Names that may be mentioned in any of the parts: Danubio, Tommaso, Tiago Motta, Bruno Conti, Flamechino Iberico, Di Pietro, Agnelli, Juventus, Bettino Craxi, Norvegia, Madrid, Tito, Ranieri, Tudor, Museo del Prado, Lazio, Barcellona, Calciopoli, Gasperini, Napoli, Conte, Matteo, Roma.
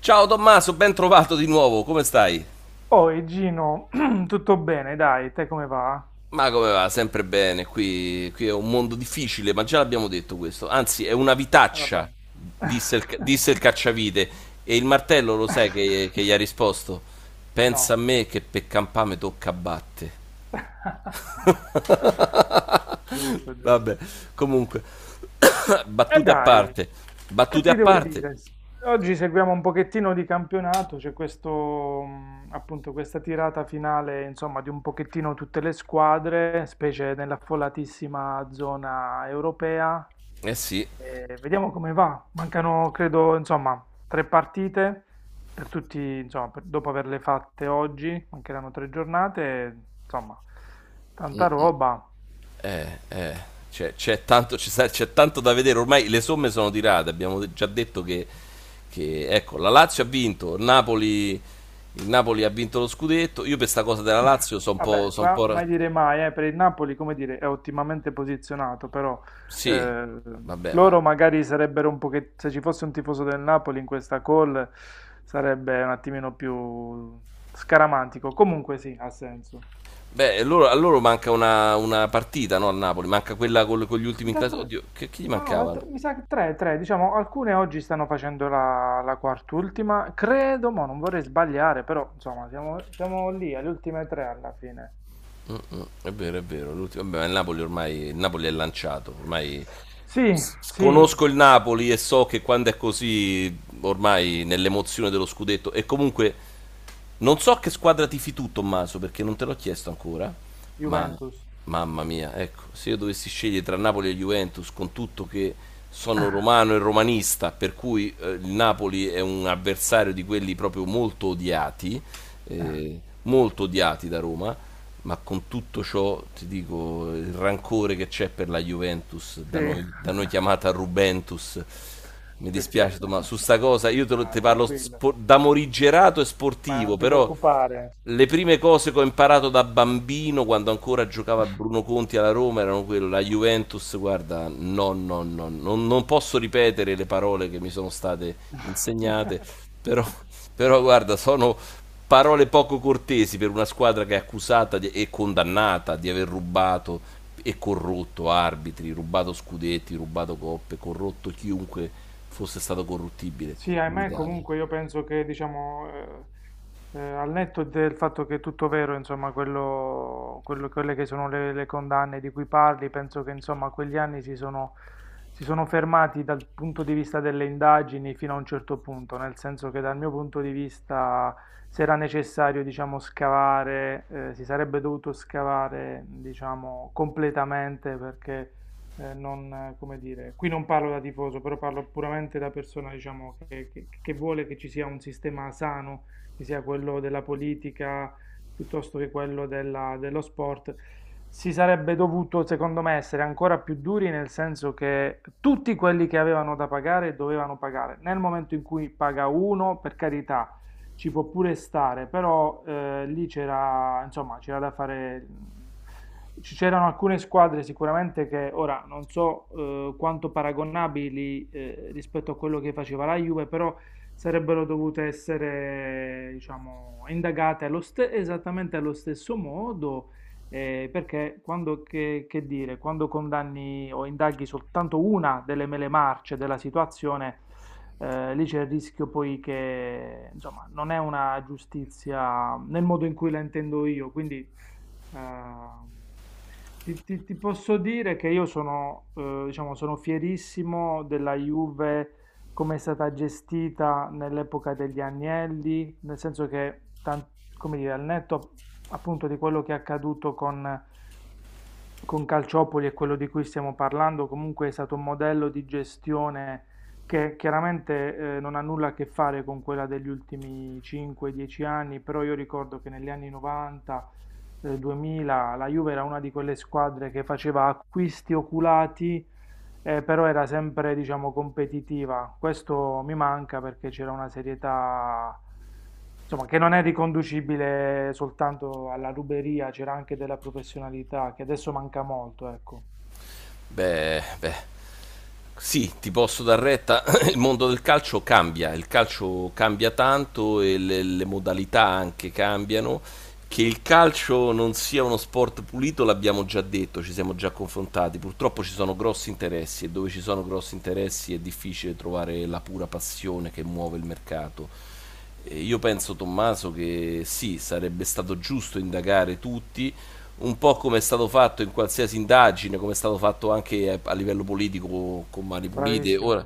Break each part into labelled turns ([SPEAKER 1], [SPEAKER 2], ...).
[SPEAKER 1] Ciao Tommaso, ben trovato di nuovo, come stai?
[SPEAKER 2] Oi Gino, tutto bene, dai, te come va?
[SPEAKER 1] Ma come va? Sempre bene, qui è un mondo difficile, ma già l'abbiamo detto questo. Anzi, è una
[SPEAKER 2] Vabbè.
[SPEAKER 1] vitaccia, disse disse il cacciavite. E il martello lo sai che gli ha risposto? Pensa a
[SPEAKER 2] No.
[SPEAKER 1] me che per campame tocca batte.
[SPEAKER 2] Giusto,
[SPEAKER 1] Vabbè,
[SPEAKER 2] giusto.
[SPEAKER 1] comunque,
[SPEAKER 2] E
[SPEAKER 1] battute a
[SPEAKER 2] dai,
[SPEAKER 1] parte,
[SPEAKER 2] che
[SPEAKER 1] battute
[SPEAKER 2] ti
[SPEAKER 1] a
[SPEAKER 2] devo
[SPEAKER 1] parte.
[SPEAKER 2] dire? Oggi seguiamo un pochettino di campionato, c'è questo, appunto, questa tirata finale, insomma, di un pochettino tutte le squadre, specie nell'affollatissima zona europea.
[SPEAKER 1] Eh sì,
[SPEAKER 2] E vediamo come va. Mancano, credo, insomma, tre partite per tutti, insomma, dopo averle fatte oggi, mancheranno tre giornate, insomma, tanta roba.
[SPEAKER 1] Eh, eh, c'è tanto, c'è tanto da vedere, ormai le somme sono tirate, abbiamo già detto che, ecco, la Lazio ha vinto, il Napoli ha vinto lo scudetto, io per sta cosa della Lazio sono un po'.
[SPEAKER 2] Vabbè,
[SPEAKER 1] Son un
[SPEAKER 2] qua
[SPEAKER 1] po' ra-
[SPEAKER 2] mai dire mai, per il Napoli, come dire, è ottimamente posizionato, però
[SPEAKER 1] Sì,
[SPEAKER 2] eh,
[SPEAKER 1] vabbè, ma...
[SPEAKER 2] loro magari sarebbero un po' che se ci fosse un tifoso del Napoli in questa call sarebbe un attimino più scaramantico. Comunque sì, ha senso.
[SPEAKER 1] Beh, a loro manca una partita, no? Al Napoli, manca quella con gli ultimi
[SPEAKER 2] Mi
[SPEAKER 1] in
[SPEAKER 2] sa
[SPEAKER 1] classe.
[SPEAKER 2] tre,
[SPEAKER 1] Oddio, chi gli
[SPEAKER 2] no, no,
[SPEAKER 1] mancava?
[SPEAKER 2] mi sa che tre, diciamo, alcune oggi stanno facendo la quart'ultima, credo, ma non vorrei sbagliare, però insomma, siamo lì, alle ultime tre alla fine.
[SPEAKER 1] Mm, è vero, è vero, l'ultimo. Vabbè, ma il Napoli ormai, il Napoli è lanciato, ormai
[SPEAKER 2] Sì, sì,
[SPEAKER 1] conosco il Napoli e so che quando è così, ormai nell'emozione dello scudetto, e comunque non so che squadra tifi tu, Tommaso, perché non te l'ho chiesto ancora, ma
[SPEAKER 2] Juventus.
[SPEAKER 1] mamma mia, ecco, se io dovessi scegliere tra Napoli e Juventus, con tutto che sono romano e romanista, per cui il Napoli è un avversario di quelli proprio molto odiati da Roma, ma con tutto ciò ti dico il rancore che c'è per la Juventus,
[SPEAKER 2] Sì.
[SPEAKER 1] da noi chiamata Rubentus. Mi
[SPEAKER 2] Sì, sì,
[SPEAKER 1] dispiace, ma su sta cosa io
[SPEAKER 2] ah,
[SPEAKER 1] te parlo
[SPEAKER 2] tranquillo,
[SPEAKER 1] da morigerato e
[SPEAKER 2] ma
[SPEAKER 1] sportivo,
[SPEAKER 2] non ti
[SPEAKER 1] però
[SPEAKER 2] preoccupare.
[SPEAKER 1] le prime cose che ho imparato da bambino quando ancora giocava Bruno Conti alla Roma erano quelle, la Juventus, guarda, no, non posso ripetere le parole che mi sono state insegnate, però, però guarda, sono parole poco cortesi per una squadra che è accusata di- e condannata di aver rubato e corrotto arbitri, rubato scudetti, rubato coppe, corrotto chiunque fosse stato corruttibile
[SPEAKER 2] Sì,
[SPEAKER 1] in
[SPEAKER 2] ahimè,
[SPEAKER 1] Italia.
[SPEAKER 2] comunque io penso che, diciamo, al netto del fatto che è tutto vero, insomma, quelle che sono le condanne di cui parli, penso che, insomma, quegli anni si sono fermati dal punto di vista delle indagini fino a un certo punto, nel senso che dal mio punto di vista, se era necessario, diciamo, scavare, si sarebbe dovuto scavare, diciamo, completamente perché non, come dire, qui non parlo da tifoso, però parlo puramente da persona, diciamo, che vuole che ci sia un sistema sano, che sia quello della politica piuttosto che quello dello sport. Si sarebbe dovuto, secondo me, essere ancora più duri nel senso che tutti quelli che avevano da pagare dovevano pagare. Nel momento in cui paga uno, per carità, ci può pure stare, però lì c'era, insomma, c'era da fare... C'erano alcune squadre sicuramente che ora non so quanto paragonabili rispetto a quello che faceva la Juve, però sarebbero dovute essere, diciamo, indagate esattamente allo stesso modo perché quando, che dire, quando condanni o indaghi soltanto una delle mele marce della situazione, lì c'è il rischio poi che, insomma, non è una giustizia nel modo in cui la intendo io, quindi... Ehm, ti posso dire che io sono, diciamo, sono fierissimo della Juve come è stata gestita nell'epoca degli Agnelli, nel senso che, come dire, al netto appunto di quello che è accaduto con Calciopoli e quello di cui stiamo parlando, comunque è stato un modello di gestione che chiaramente non ha nulla a che fare con quella degli ultimi 5-10 anni, però io ricordo che negli anni 90, 2000, la Juve era una di quelle squadre che faceva acquisti oculati però era sempre, diciamo, competitiva. Questo mi manca perché c'era una serietà, insomma, che non è riconducibile soltanto alla ruberia, c'era anche della professionalità, che adesso manca molto, ecco.
[SPEAKER 1] Beh, beh. Sì, ti posso dar retta, il mondo del calcio cambia, il calcio cambia tanto e le modalità anche cambiano. Che il calcio non sia uno sport pulito l'abbiamo già detto, ci siamo già confrontati. Purtroppo ci sono grossi interessi e dove ci sono grossi interessi è difficile trovare la pura passione che muove il mercato. Io penso, Tommaso, che sì, sarebbe stato giusto indagare tutti, un po' come è stato fatto in qualsiasi indagine, come è stato fatto anche a livello politico con mani pulite.
[SPEAKER 2] Bravissimo.
[SPEAKER 1] Ora,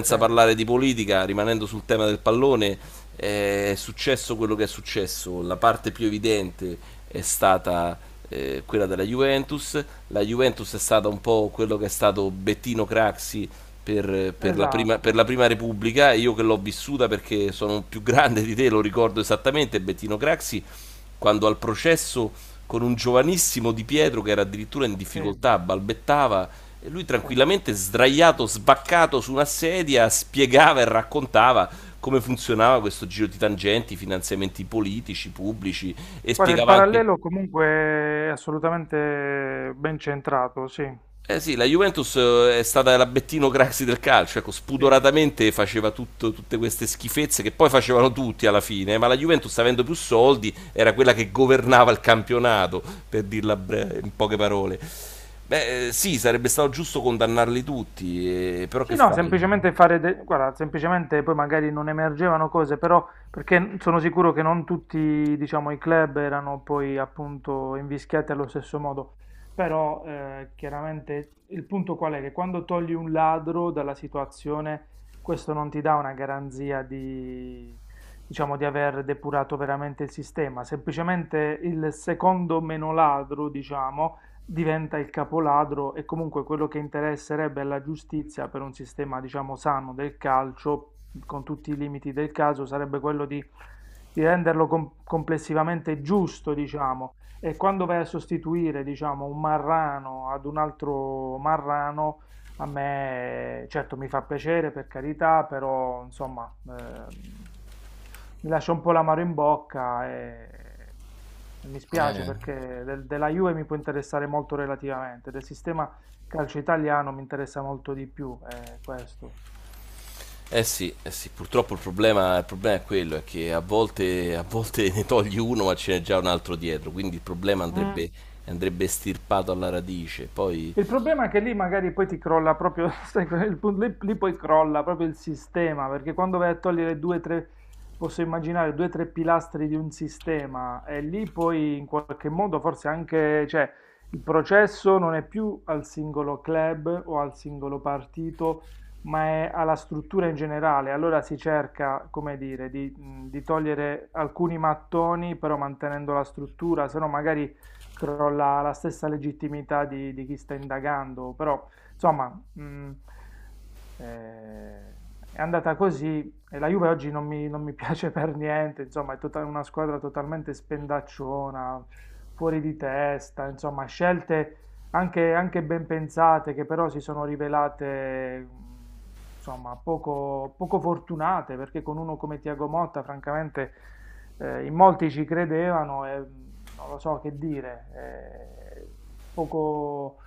[SPEAKER 2] Sì,
[SPEAKER 1] parlare di politica, rimanendo sul tema del pallone, è successo quello che è successo. La parte più evidente è stata quella della Juventus. La Juventus è stata un po' quello che è stato Bettino Craxi per
[SPEAKER 2] esatto.
[SPEAKER 1] la prima Repubblica, e io che l'ho vissuta perché sono più grande di te, lo ricordo esattamente, Bettino Craxi, quando al processo con un giovanissimo Di Pietro che era addirittura in
[SPEAKER 2] Sì,
[SPEAKER 1] difficoltà, balbettava, e lui
[SPEAKER 2] sì.
[SPEAKER 1] tranquillamente sdraiato, sbaccato su una sedia, spiegava e raccontava come funzionava questo giro di tangenti, finanziamenti politici, pubblici, e
[SPEAKER 2] Guarda, il
[SPEAKER 1] spiegava anche...
[SPEAKER 2] parallelo comunque è assolutamente ben centrato, sì.
[SPEAKER 1] Eh sì, la Juventus è stata la Bettino Craxi del calcio, ecco,
[SPEAKER 2] Sì.
[SPEAKER 1] spudoratamente faceva tutte queste schifezze che poi facevano tutti alla fine, ma la Juventus avendo più soldi era quella che governava il campionato, per dirla in poche parole. Beh, sì, sarebbe stato giusto condannarli tutti, però
[SPEAKER 2] Sì,
[SPEAKER 1] che
[SPEAKER 2] no,
[SPEAKER 1] fai?
[SPEAKER 2] semplicemente fare, guarda, semplicemente poi magari non emergevano cose, però perché sono sicuro che non tutti, diciamo, i club erano poi appunto invischiati allo stesso modo, però chiaramente il punto qual è? Che quando togli un ladro dalla situazione, questo non ti dà una garanzia di, diciamo, di aver depurato veramente il sistema, semplicemente il secondo meno ladro, diciamo, diventa il capoladro e comunque quello che interesserebbe alla giustizia per un sistema, diciamo, sano del calcio, con tutti i limiti del caso, sarebbe quello di renderlo complessivamente giusto, diciamo. E quando vai a sostituire, diciamo, un marrano ad un altro marrano, a me, certo, mi fa piacere per carità, però insomma, mi lascia un po' l'amaro in bocca e mi spiace
[SPEAKER 1] Eh,
[SPEAKER 2] perché della Juve mi può interessare molto relativamente, del sistema calcio italiano mi interessa molto di più, questo.
[SPEAKER 1] sì, eh sì, purtroppo il problema è quello, è che a volte ne togli uno ma ce n'è già un altro dietro, quindi il problema
[SPEAKER 2] Mm.
[SPEAKER 1] andrebbe, andrebbe estirpato alla radice. Poi
[SPEAKER 2] Il problema è che lì magari poi ti crolla proprio, sai, lì poi crolla proprio il sistema, perché quando vai a togliere due, tre, posso immaginare due, tre pilastri di un sistema, e lì poi in qualche modo forse anche, cioè, il processo non è più al singolo club o al singolo partito, ma è alla struttura in generale. Allora si cerca, come dire, di togliere alcuni mattoni, però mantenendo la struttura, se no magari crolla la stessa legittimità di chi sta indagando, però insomma mh, eh, è andata così e la Juve oggi non mi piace per niente, insomma una squadra totalmente spendacciona, fuori di testa, insomma scelte anche ben pensate che però si sono rivelate... Insomma, poco fortunate perché con uno come Tiago Motta, francamente, in molti ci credevano e non lo so che dire. eh, poco...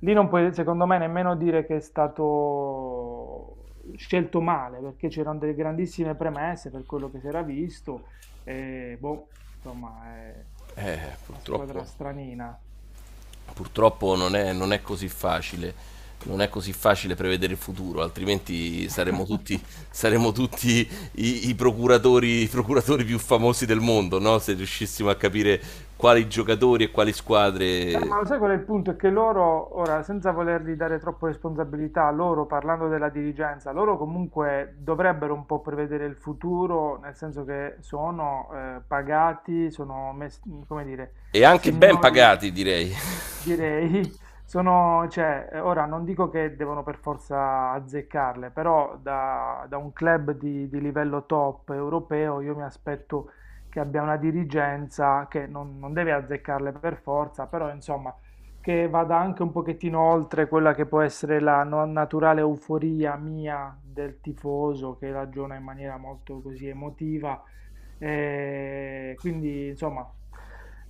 [SPEAKER 2] Lì non puoi, secondo me, nemmeno dire che è stato scelto male, perché c'erano delle grandissime premesse per quello che si era visto. E boh, insomma, è
[SPEAKER 1] eh,
[SPEAKER 2] una
[SPEAKER 1] purtroppo,
[SPEAKER 2] squadra stranina.
[SPEAKER 1] purtroppo non è così facile, non è così facile prevedere il futuro, altrimenti saremmo tutti i procuratori più famosi del mondo, no? Se riuscissimo a capire quali giocatori e quali squadre,
[SPEAKER 2] Ma lo sai qual è il punto? È che loro, ora, senza volergli dare troppe responsabilità, loro, parlando della dirigenza, loro comunque dovrebbero un po' prevedere il futuro, nel senso che sono pagati, come dire,
[SPEAKER 1] e anche ben
[SPEAKER 2] signori,
[SPEAKER 1] pagati, direi.
[SPEAKER 2] direi, sono, cioè, ora non dico che devono per forza azzeccarle, però da un club di livello top europeo io mi aspetto che abbia una dirigenza che non, non deve azzeccarle per forza, però insomma che vada anche un pochettino oltre quella che può essere la no- naturale euforia mia del tifoso che ragiona in maniera molto così emotiva e quindi, insomma,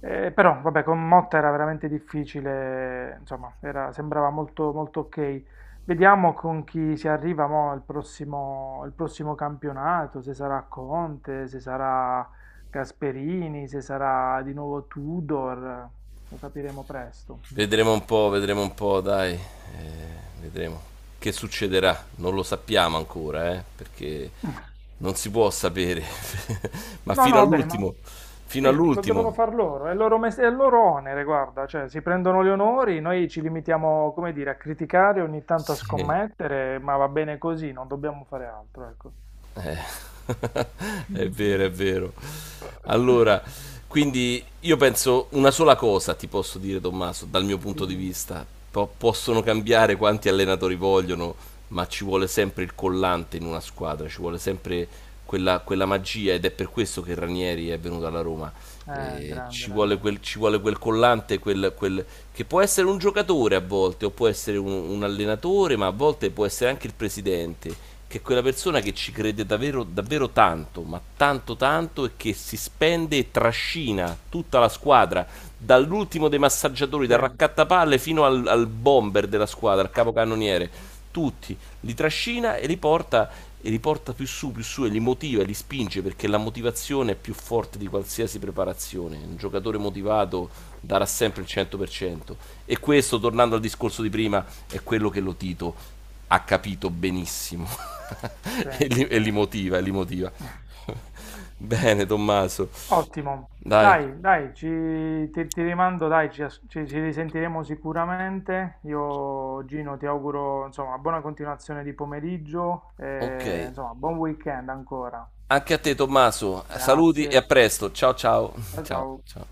[SPEAKER 2] però, vabbè, con Motta era veramente difficile, insomma, sembrava molto, molto ok. Vediamo con chi si arriva mo il prossimo campionato, se sarà Conte, se sarà Gasperini, se sarà di nuovo Tudor, lo capiremo presto.
[SPEAKER 1] Vedremo un po', dai. Vedremo che succederà. Non lo sappiamo ancora, perché non si può sapere. Ma
[SPEAKER 2] No,
[SPEAKER 1] fino
[SPEAKER 2] no, va bene, ma...
[SPEAKER 1] all'ultimo, fino
[SPEAKER 2] Sì, lo devono
[SPEAKER 1] all'ultimo.
[SPEAKER 2] far loro, è il loro, è il loro onere, guarda, cioè si prendono gli onori, noi ci limitiamo, come dire, a criticare, ogni tanto a
[SPEAKER 1] Sì.
[SPEAKER 2] scommettere, ma va bene così, non dobbiamo fare altro, ecco.
[SPEAKER 1] Eh, è vero, è vero. Allora, quindi io penso una sola cosa ti posso dire, Tommaso, dal mio punto di
[SPEAKER 2] Dimmi.
[SPEAKER 1] vista. Possono cambiare quanti allenatori vogliono, ma ci vuole sempre il collante in una squadra, ci vuole sempre quella magia ed è per questo che Ranieri è venuto alla Roma.
[SPEAKER 2] Grande Ranieri.
[SPEAKER 1] Ci vuole quel collante, che può essere un giocatore a volte, o può essere un allenatore, ma a volte può essere anche il presidente che è quella persona che ci crede davvero, davvero tanto, ma tanto tanto, e che si spende e trascina tutta la squadra, dall'ultimo dei massaggiatori,
[SPEAKER 2] Sì,
[SPEAKER 1] dal raccattapalle fino al bomber della squadra, al capocannoniere, tutti, li trascina e li porta più su, e li motiva, e li spinge, perché la motivazione è più forte di qualsiasi preparazione. Un giocatore motivato darà sempre il 100%. E questo, tornando al discorso di prima, è quello che lo Tito ha capito benissimo
[SPEAKER 2] sì,
[SPEAKER 1] e
[SPEAKER 2] sì.
[SPEAKER 1] li motiva, e li motiva. Bene, Tommaso.
[SPEAKER 2] Ottimo.
[SPEAKER 1] Dai,
[SPEAKER 2] Dai, dai, ci, ti rimando, dai, ci, as- ci- ci risentiremo sicuramente. Io, Gino, ti auguro, insomma, buona continuazione di pomeriggio e,
[SPEAKER 1] ok.
[SPEAKER 2] insomma, buon weekend ancora.
[SPEAKER 1] Anche a te, Tommaso. Saluti e a
[SPEAKER 2] Grazie,
[SPEAKER 1] presto. Ciao, ciao.
[SPEAKER 2] ciao
[SPEAKER 1] Ciao,
[SPEAKER 2] ciao.
[SPEAKER 1] ciao.